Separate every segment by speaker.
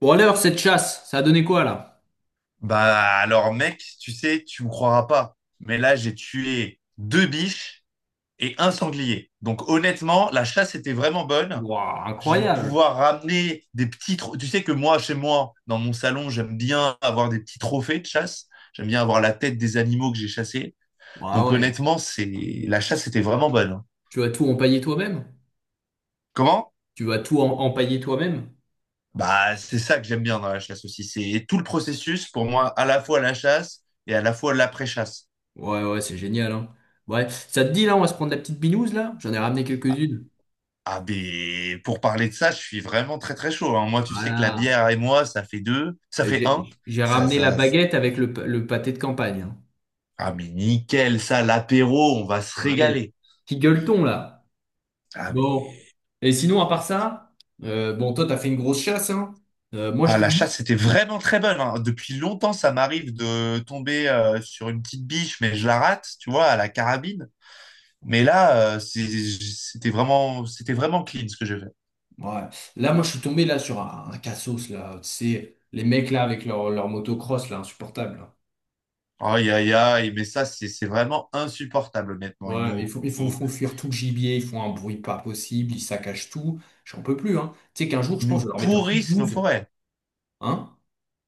Speaker 1: Bon alors, cette chasse, ça a donné quoi là?
Speaker 2: Bah alors mec, tu sais, tu me croiras pas, mais là j'ai tué deux biches et un sanglier. Donc honnêtement, la chasse était vraiment bonne.
Speaker 1: Waouh,
Speaker 2: Je vais
Speaker 1: incroyable!
Speaker 2: pouvoir ramener des petits... Tu sais que moi, chez moi, dans mon salon, j'aime bien avoir des petits trophées de chasse. J'aime bien avoir la tête des animaux que j'ai chassés.
Speaker 1: Waouh,
Speaker 2: Donc
Speaker 1: ouais.
Speaker 2: honnêtement, c'est la chasse était vraiment bonne, hein.
Speaker 1: Tu vas tout empailler toi-même?
Speaker 2: Comment?
Speaker 1: Tu vas empailler toi-même?
Speaker 2: Bah c'est ça que j'aime bien dans la chasse aussi. C'est tout le processus pour moi, à la fois la chasse et à la fois l'après-chasse.
Speaker 1: Ouais, ouais, c'est génial, hein. Ouais, ça te dit là, on va se prendre la petite binouse là? J'en ai ramené quelques-unes.
Speaker 2: Ah ben, pour parler de ça, je suis vraiment très très chaud, hein. Moi, tu sais que la
Speaker 1: Voilà.
Speaker 2: bière et moi, ça fait deux, ça
Speaker 1: Et
Speaker 2: fait un.
Speaker 1: j'ai
Speaker 2: Ça,
Speaker 1: ramené la
Speaker 2: ça,
Speaker 1: baguette avec le pâté de campagne, hein.
Speaker 2: ah mais nickel, ça, l'apéro, on va se
Speaker 1: Ouais.
Speaker 2: régaler.
Speaker 1: Qui gueule-t-on là?
Speaker 2: Ah
Speaker 1: Bon.
Speaker 2: mais,
Speaker 1: Et sinon, à part ça, bon, toi, t'as fait une grosse chasse, hein? Moi, je
Speaker 2: ah la
Speaker 1: t'avoue.
Speaker 2: chasse, c'était vraiment très bonne, hein. Depuis longtemps, ça m'arrive de tomber sur une petite biche, mais je la rate, tu vois, à la carabine. Mais là, c'était vraiment clean ce que j'ai fait.
Speaker 1: Ouais. Là, moi, je suis tombé là sur un cassos, là. Tu sais, les mecs là avec leur motocross, là, insupportable, là.
Speaker 2: Aïe aïe aïe, mais ça, c'est vraiment insupportable, honnêtement.
Speaker 1: Ouais, ils font, font fuir tout le gibier, ils font un bruit pas possible, ils saccagent tout. J'en peux plus, hein. Tu sais qu'un jour, je
Speaker 2: Ils
Speaker 1: pense,
Speaker 2: nous
Speaker 1: je vais leur mettre un coup de
Speaker 2: pourrissent nos
Speaker 1: douze.
Speaker 2: forêts.
Speaker 1: Hein?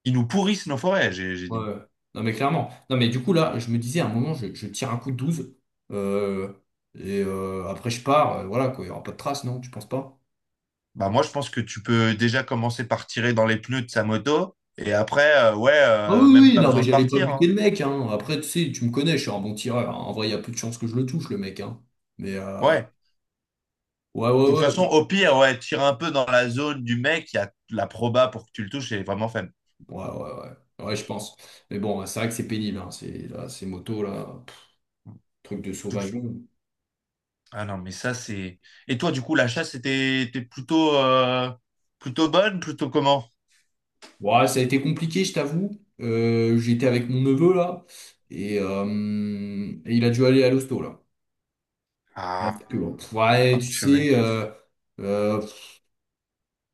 Speaker 2: Ils nous pourrissent nos forêts, j'ai dit.
Speaker 1: Ouais. Non, mais clairement. Non, mais du coup, là, je me disais, à un moment, je tire un coup de douze, euh, et après, je pars, voilà, quoi. Il n'y aura pas de trace, non? Tu penses pas?
Speaker 2: Bah moi, je pense que tu peux déjà commencer par tirer dans les pneus de sa moto et après, ouais,
Speaker 1: Ah oui,
Speaker 2: même
Speaker 1: oui,
Speaker 2: pas
Speaker 1: non, mais
Speaker 2: besoin de
Speaker 1: j'allais pas
Speaker 2: partir,
Speaker 1: buter
Speaker 2: hein.
Speaker 1: le mec, hein. Après, tu sais, tu me connais, je suis un bon tireur, hein. En vrai, il y a peu de chances que je le touche, le mec, hein. Mais euh,
Speaker 2: Ouais.
Speaker 1: Ouais, ouais,
Speaker 2: De toute façon,
Speaker 1: ouais.
Speaker 2: au pire, ouais, tire un peu dans la zone du mec, il y a la proba pour que tu le touches, elle est vraiment faible.
Speaker 1: Ouais, ouais, ouais. Ouais, je pense. Mais bon, c'est vrai que c'est pénible, hein, ces motos, là. Truc de
Speaker 2: Tout-
Speaker 1: sauvageon.
Speaker 2: Ah non, mais ça, c'est. Et toi, du coup, la chasse était, était plutôt, plutôt bonne, plutôt comment?
Speaker 1: Ouais, ça a été compliqué, je t'avoue. J'étais avec mon neveu, là. Et, euh, et il a dû aller à l'hosto, là. Ouais,
Speaker 2: Ah,
Speaker 1: c'est que, ouais, tu
Speaker 2: purée.
Speaker 1: sais, euh,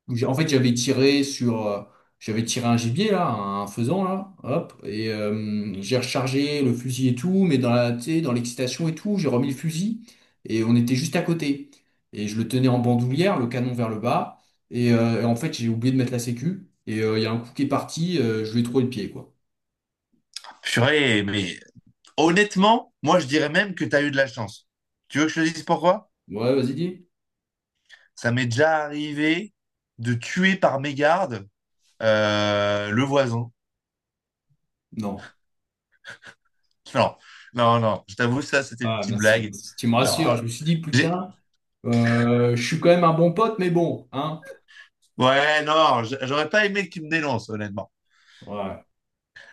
Speaker 1: donc, en fait, j'avais tiré sur, j'avais tiré un gibier là, un faisan là, hop, et j'ai rechargé le fusil et tout, mais dans la, tu sais, dans l'excitation et tout, j'ai remis le fusil et on était juste à côté. Et je le tenais en bandoulière, le canon vers le bas, et en fait, j'ai oublié de mettre la sécu. Et il y a un coup qui est parti, je lui ai trouvé le pied quoi.
Speaker 2: Purée, mais honnêtement, moi, je dirais même que tu as eu de la chance. Tu veux que je te dise pourquoi?
Speaker 1: Ouais, vas-y dis.
Speaker 2: Ça m'est déjà arrivé de tuer par mégarde le voisin.
Speaker 1: Non.
Speaker 2: Non, non, non. Je t'avoue, ça, c'était une
Speaker 1: Ah
Speaker 2: petite
Speaker 1: merci.
Speaker 2: blague.
Speaker 1: Tu me
Speaker 2: Non,
Speaker 1: rassures. Je
Speaker 2: non.
Speaker 1: me suis dit
Speaker 2: J'ai-
Speaker 1: putain, je suis quand même un bon pote, mais bon, hein.
Speaker 2: Ouais, non, j'aurais pas aimé qu'il me dénonce, honnêtement.
Speaker 1: Ouais.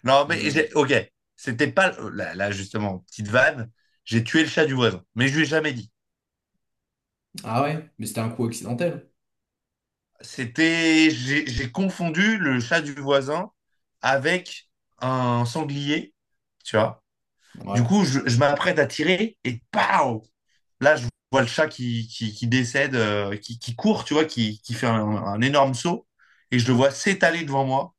Speaker 2: Non, mais j'ai... Ok, c'était pas... Là, là, justement, petite vanne, j'ai tué le chat du voisin, mais je lui ai jamais dit.
Speaker 1: Ah ouais, mais c'était un coup accidentel.
Speaker 2: C'était... J'ai confondu le chat du voisin avec un sanglier, tu vois. Du
Speaker 1: Ouais.
Speaker 2: coup, je m'apprête à tirer et paf. Là, je vois le chat qui décède, qui court, tu vois, qui fait un énorme saut. Et je le vois s'étaler devant moi.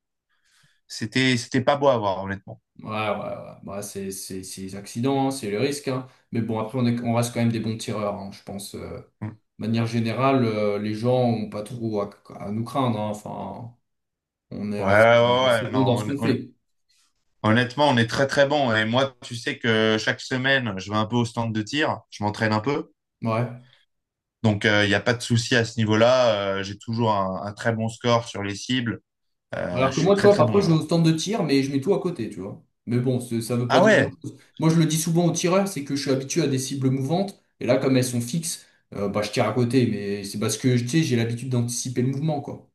Speaker 2: C'était pas beau à voir, honnêtement.
Speaker 1: Ouais, ouais, ouais. Bah, c'est les accidents, hein, c'est le risque, hein. Mais bon, après, on reste quand même des bons tireurs, hein, je pense,
Speaker 2: Mm.
Speaker 1: De manière générale, les gens ont pas trop à nous craindre, hein. Enfin, on est
Speaker 2: Ouais,
Speaker 1: assez,
Speaker 2: ouais,
Speaker 1: assez
Speaker 2: ouais, non,
Speaker 1: bon dans ce qu'on fait.
Speaker 2: honnêtement, on est très, très bon. Et moi, tu sais que chaque semaine, je vais un peu au stand de tir. Je m'entraîne un peu.
Speaker 1: Ouais.
Speaker 2: Donc, il n'y a pas de souci à ce niveau-là. J'ai toujours un très bon score sur les cibles.
Speaker 1: Alors
Speaker 2: Je
Speaker 1: que
Speaker 2: suis
Speaker 1: moi, tu
Speaker 2: très,
Speaker 1: vois,
Speaker 2: très
Speaker 1: parfois,
Speaker 2: bon
Speaker 1: je vais
Speaker 2: là.
Speaker 1: au stand de tir, mais je mets tout à côté, tu vois. Mais bon, ça veut pas
Speaker 2: Ah
Speaker 1: dire
Speaker 2: ouais.
Speaker 1: grand-chose. Moi, je le dis souvent aux tireurs, c'est que je suis habitué à des cibles mouvantes. Et là, comme elles sont fixes, bah, je tire à côté. Mais c'est parce que, tu sais, j'ai l'habitude d'anticiper le mouvement, quoi.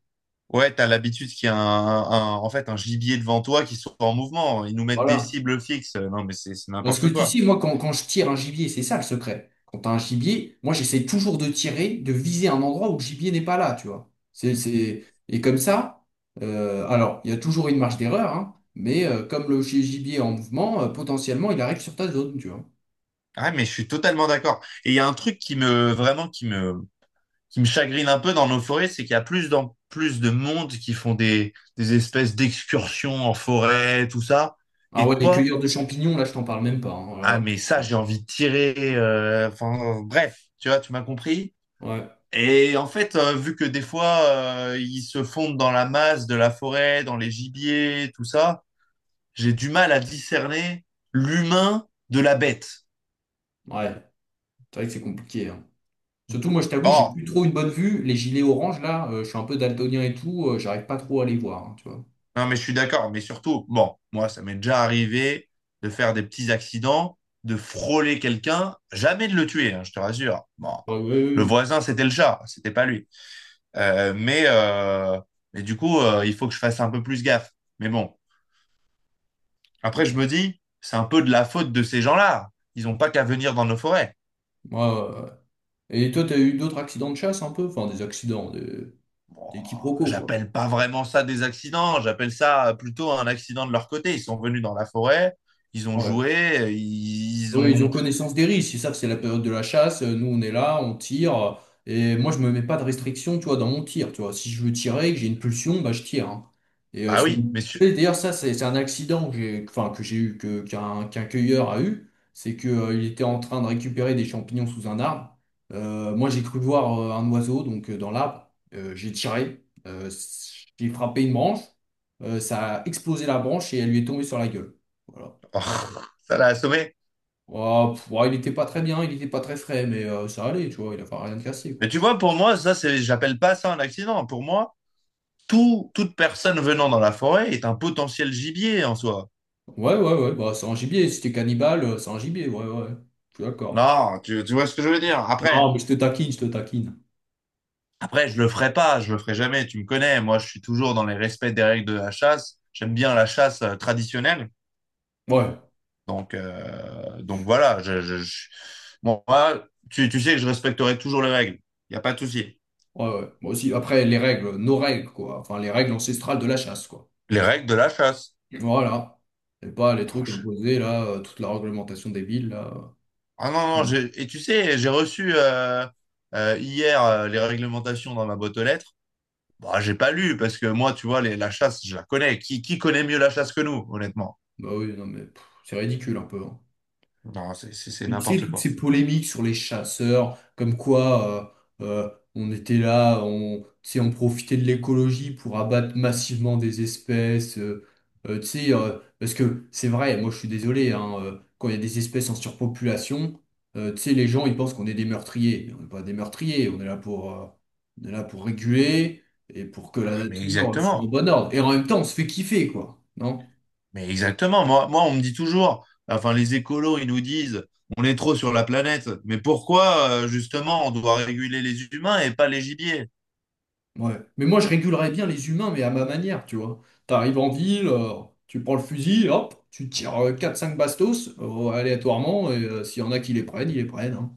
Speaker 2: Ouais, t'as l'habitude qu'il y a en fait, un gibier devant toi qui soit en mouvement. Ils nous mettent des
Speaker 1: Voilà.
Speaker 2: cibles fixes. Non, mais c'est
Speaker 1: Parce que
Speaker 2: n'importe
Speaker 1: tu sais,
Speaker 2: quoi.
Speaker 1: moi, quand je tire un gibier, c'est ça le secret. Quand t'as un gibier, moi, j'essaie toujours de tirer, de viser un endroit où le gibier n'est pas là, tu vois. C'est... Et comme ça, alors, il y a toujours une marge d'erreur, hein, mais comme le gibier est en mouvement, potentiellement, il arrive sur ta zone, tu vois.
Speaker 2: Ah, mais je suis totalement d'accord. Et il y a un truc qui me, vraiment, qui me chagrine un peu dans nos forêts, c'est qu'il y a plus de monde qui font des espèces d'excursions en forêt, tout ça.
Speaker 1: Ah
Speaker 2: Et
Speaker 1: ouais, les
Speaker 2: toi,
Speaker 1: cueilleurs de champignons, là, je t'en parle même pas, hein.
Speaker 2: ah,
Speaker 1: Alors,
Speaker 2: mais ça, j'ai envie de tirer, enfin, bref, tu vois, tu m'as compris?
Speaker 1: ouais,
Speaker 2: Et en fait, vu que des fois, ils se fondent dans la masse de la forêt, dans les gibiers, tout ça, j'ai du mal à discerner l'humain de la bête.
Speaker 1: ouais, c'est vrai que c'est compliqué, hein. Surtout, moi, je t'avoue, j'ai
Speaker 2: Bon,
Speaker 1: plus trop une bonne vue. Les gilets oranges, là, je suis un peu daltonien et tout, j'arrive pas trop à les voir, hein, tu vois.
Speaker 2: non, mais je suis d'accord, mais surtout, bon, moi, ça m'est déjà arrivé de faire des petits accidents, de frôler quelqu'un, jamais de le tuer, hein, je te rassure. Bon,
Speaker 1: Ouais, ouais,
Speaker 2: le
Speaker 1: ouais.
Speaker 2: voisin, c'était le chat, c'était pas lui. Euh, mais, euh, mais du coup, il faut que je fasse un peu plus gaffe. Mais bon. Après, je me dis, c'est un peu de la faute de ces gens-là. Ils n'ont pas qu'à venir dans nos forêts.
Speaker 1: Moi, et toi, t'as eu d'autres accidents de chasse un peu? Enfin, des accidents,
Speaker 2: Bon,
Speaker 1: des quiproquos,
Speaker 2: j'appelle pas vraiment ça des accidents, j'appelle ça plutôt un accident de leur côté. Ils sont venus dans la forêt, ils ont
Speaker 1: quoi.
Speaker 2: joué, ils
Speaker 1: Oui, ils ont
Speaker 2: ont...
Speaker 1: connaissance des risques. Ils savent que c'est la période de la chasse. Nous, on est là, on tire. Et moi, je me mets pas de restriction, tu vois, dans mon tir. Tu vois, si je veux tirer, et que j'ai une pulsion, bah, je tire, hein. Et, euh,
Speaker 2: Bah
Speaker 1: c'est-
Speaker 2: oui, messieurs,
Speaker 1: et d'ailleurs, ça, c'est un accident que j'ai, enfin, que j'ai eu, qu'un cueilleur a eu. C'est que, il était en train de récupérer des champignons sous un arbre. Moi, j'ai cru voir un oiseau, donc, dans l'arbre. J'ai tiré. J'ai frappé une branche. Ça a explosé la branche et elle lui est tombée sur la gueule. Voilà.
Speaker 2: oh, ça l'a assommé.
Speaker 1: Ouah, pff, ouah, il était pas très bien, il était pas très frais, mais ça allait, tu vois, il a pas rien de cassé,
Speaker 2: Mais
Speaker 1: quoi.
Speaker 2: tu vois, pour moi, ça, c'est, j'appelle pas ça un accident. Pour moi, tout, toute personne venant dans la forêt est un potentiel gibier en soi.
Speaker 1: Ouais, ouais, ouais, bah c'est un gibier, si t'es cannibale, c'est un gibier, ouais, ouais, je suis d'accord.
Speaker 2: Non, tu vois ce que je veux dire.
Speaker 1: Non,
Speaker 2: Après,
Speaker 1: mais je te taquine, je te taquine.
Speaker 2: après, je le ferai pas, je le ferai jamais, tu me connais. Moi, je suis toujours dans les respects des règles de la chasse. J'aime bien la chasse traditionnelle.
Speaker 1: Ouais,
Speaker 2: Donc voilà, bon, moi, tu sais que je respecterai toujours les règles. Il n'y a pas de souci.
Speaker 1: ouais, ouais, moi aussi, après, les règles, nos règles, quoi, enfin, les règles ancestrales de la chasse, quoi.
Speaker 2: Les règles de la chasse.
Speaker 1: Voilà, et pas les
Speaker 2: Ah,
Speaker 1: trucs
Speaker 2: je-
Speaker 1: imposés, là, toute la réglementation des villes, là.
Speaker 2: ah non, non,
Speaker 1: Mm.
Speaker 2: et tu sais, j'ai reçu hier les réglementations dans ma boîte aux lettres. Bah, j'ai pas lu parce que moi, tu vois, la chasse, je la connais. Qui connaît mieux la chasse que nous, honnêtement?
Speaker 1: Bah oui, non, mais pff, c'est ridicule, un peu, hein.
Speaker 2: Non, c'est
Speaker 1: Mais tu sais,
Speaker 2: n'importe
Speaker 1: toutes
Speaker 2: quoi.
Speaker 1: ces polémiques sur les chasseurs, comme quoi on était là, tu sais, on profitait de l'écologie pour abattre massivement des espèces. Tu sais, parce que c'est vrai, moi je suis désolé, hein, quand il y a des espèces en surpopulation, tu sais, les gens ils pensent qu'on est des meurtriers. On n'est pas des meurtriers, on est là pour, on est là pour réguler et pour que la
Speaker 2: Ah, mais
Speaker 1: nature soit en
Speaker 2: exactement.
Speaker 1: bon ordre. Et en même temps, on se fait kiffer, quoi, non?
Speaker 2: Mais exactement, moi, moi, on me dit toujours, enfin les écolos, ils nous disent, on est trop sur la planète, mais pourquoi justement on doit réguler les humains et pas les gibiers?
Speaker 1: Ouais. Mais moi, je régulerais bien les humains, mais à ma manière, tu vois. T'arrives en ville, tu prends le fusil, hop, tu tires 4-5 bastos, aléatoirement, et s'il y en a qui les prennent, ils les prennent, hein.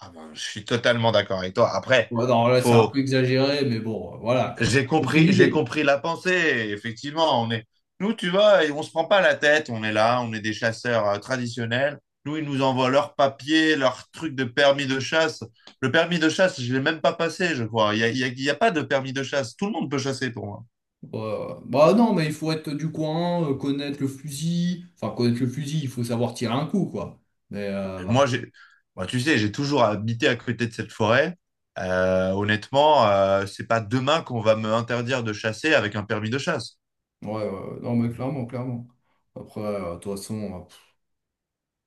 Speaker 2: Ah ben, je suis totalement d'accord avec toi. Après,
Speaker 1: Ouais, non, là, c'est un peu
Speaker 2: faut,
Speaker 1: exagéré, mais bon, voilà, quoi. T'as compris
Speaker 2: j'ai
Speaker 1: l'idée.
Speaker 2: compris la pensée. Effectivement, on est, nous, tu vois, et on se prend pas la tête, on est là, on est des chasseurs traditionnels. Nous, ils nous envoient leurs papiers, leurs trucs de permis de chasse. Le permis de chasse, je l'ai même pas passé, je crois. Il y a, il y a pas de permis de chasse. Tout le monde peut chasser pour moi.
Speaker 1: Bah non, mais il faut être du coin, connaître le fusil. Enfin, connaître le fusil, il faut savoir tirer un coup, quoi. Mais, euh,
Speaker 2: Moi, j'ai, moi, tu sais, j'ai toujours habité à côté de cette forêt. Honnêtement, c'est pas demain qu'on va me interdire de chasser avec un permis de chasse.
Speaker 1: ouais, ouais, ouais. Non, mais clairement, clairement. Après, de toute façon.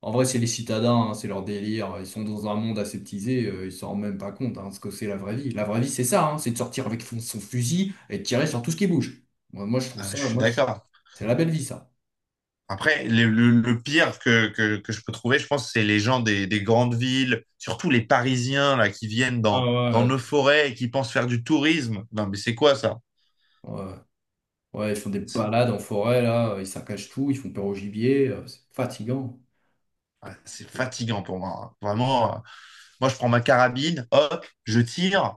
Speaker 1: En vrai, c'est les citadins, hein, c'est leur délire. Ils sont dans un monde aseptisé, ils s'en rendent même pas compte, hein, ce que c'est la vraie vie. La vraie vie, c'est ça, hein, c'est de sortir avec son, son fusil et de tirer sur tout ce qui bouge. Moi, moi, je trouve
Speaker 2: Ah,
Speaker 1: ça,
Speaker 2: je suis
Speaker 1: moi, je-
Speaker 2: d'accord.
Speaker 1: C'est la belle vie, ça.
Speaker 2: Après, le pire que je peux trouver, je pense, c'est les gens des grandes villes, surtout les Parisiens là, qui viennent
Speaker 1: Ah
Speaker 2: dans
Speaker 1: ouais.
Speaker 2: nos forêts et qui pensent faire du tourisme. Non, mais c'est quoi ça?
Speaker 1: Ouais, ouais, ils font des
Speaker 2: C'est
Speaker 1: balades en forêt, là, ils saccagent tout, ils font peur au gibier, c'est fatigant.
Speaker 2: ouais, c'est fatigant pour moi, hein. Vraiment, moi, je prends ma carabine, hop, je tire.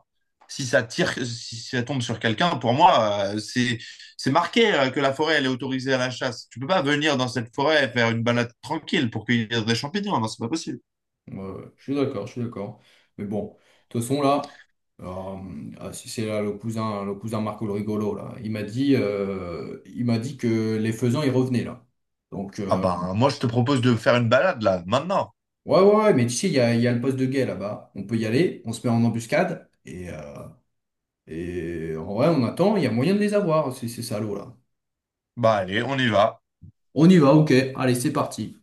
Speaker 2: Si ça tire, si ça tombe sur quelqu'un, pour moi, c'est marqué que la forêt, elle est autorisée à la chasse. Tu peux pas venir dans cette forêt et faire une balade tranquille pour cueillir des champignons. Non, c'est pas possible.
Speaker 1: Ouais, ouais, je suis d'accord, je suis d'accord. Mais bon, de toute façon, là, alors, ah, si c'est là le cousin Marco le rigolo, là, il m'a dit que les faisans, ils revenaient, là. Donc,
Speaker 2: Ah ben, moi, je te propose de faire une balade là, maintenant.
Speaker 1: ouais, ouais, ouais, mais tu sais, il y a le poste de guet là-bas. On peut y aller, on se met en embuscade, et en vrai, on attend, il y a moyen de les avoir, ces salauds, là.
Speaker 2: Bah allez, on y va.
Speaker 1: On y va, ok, allez, c'est parti.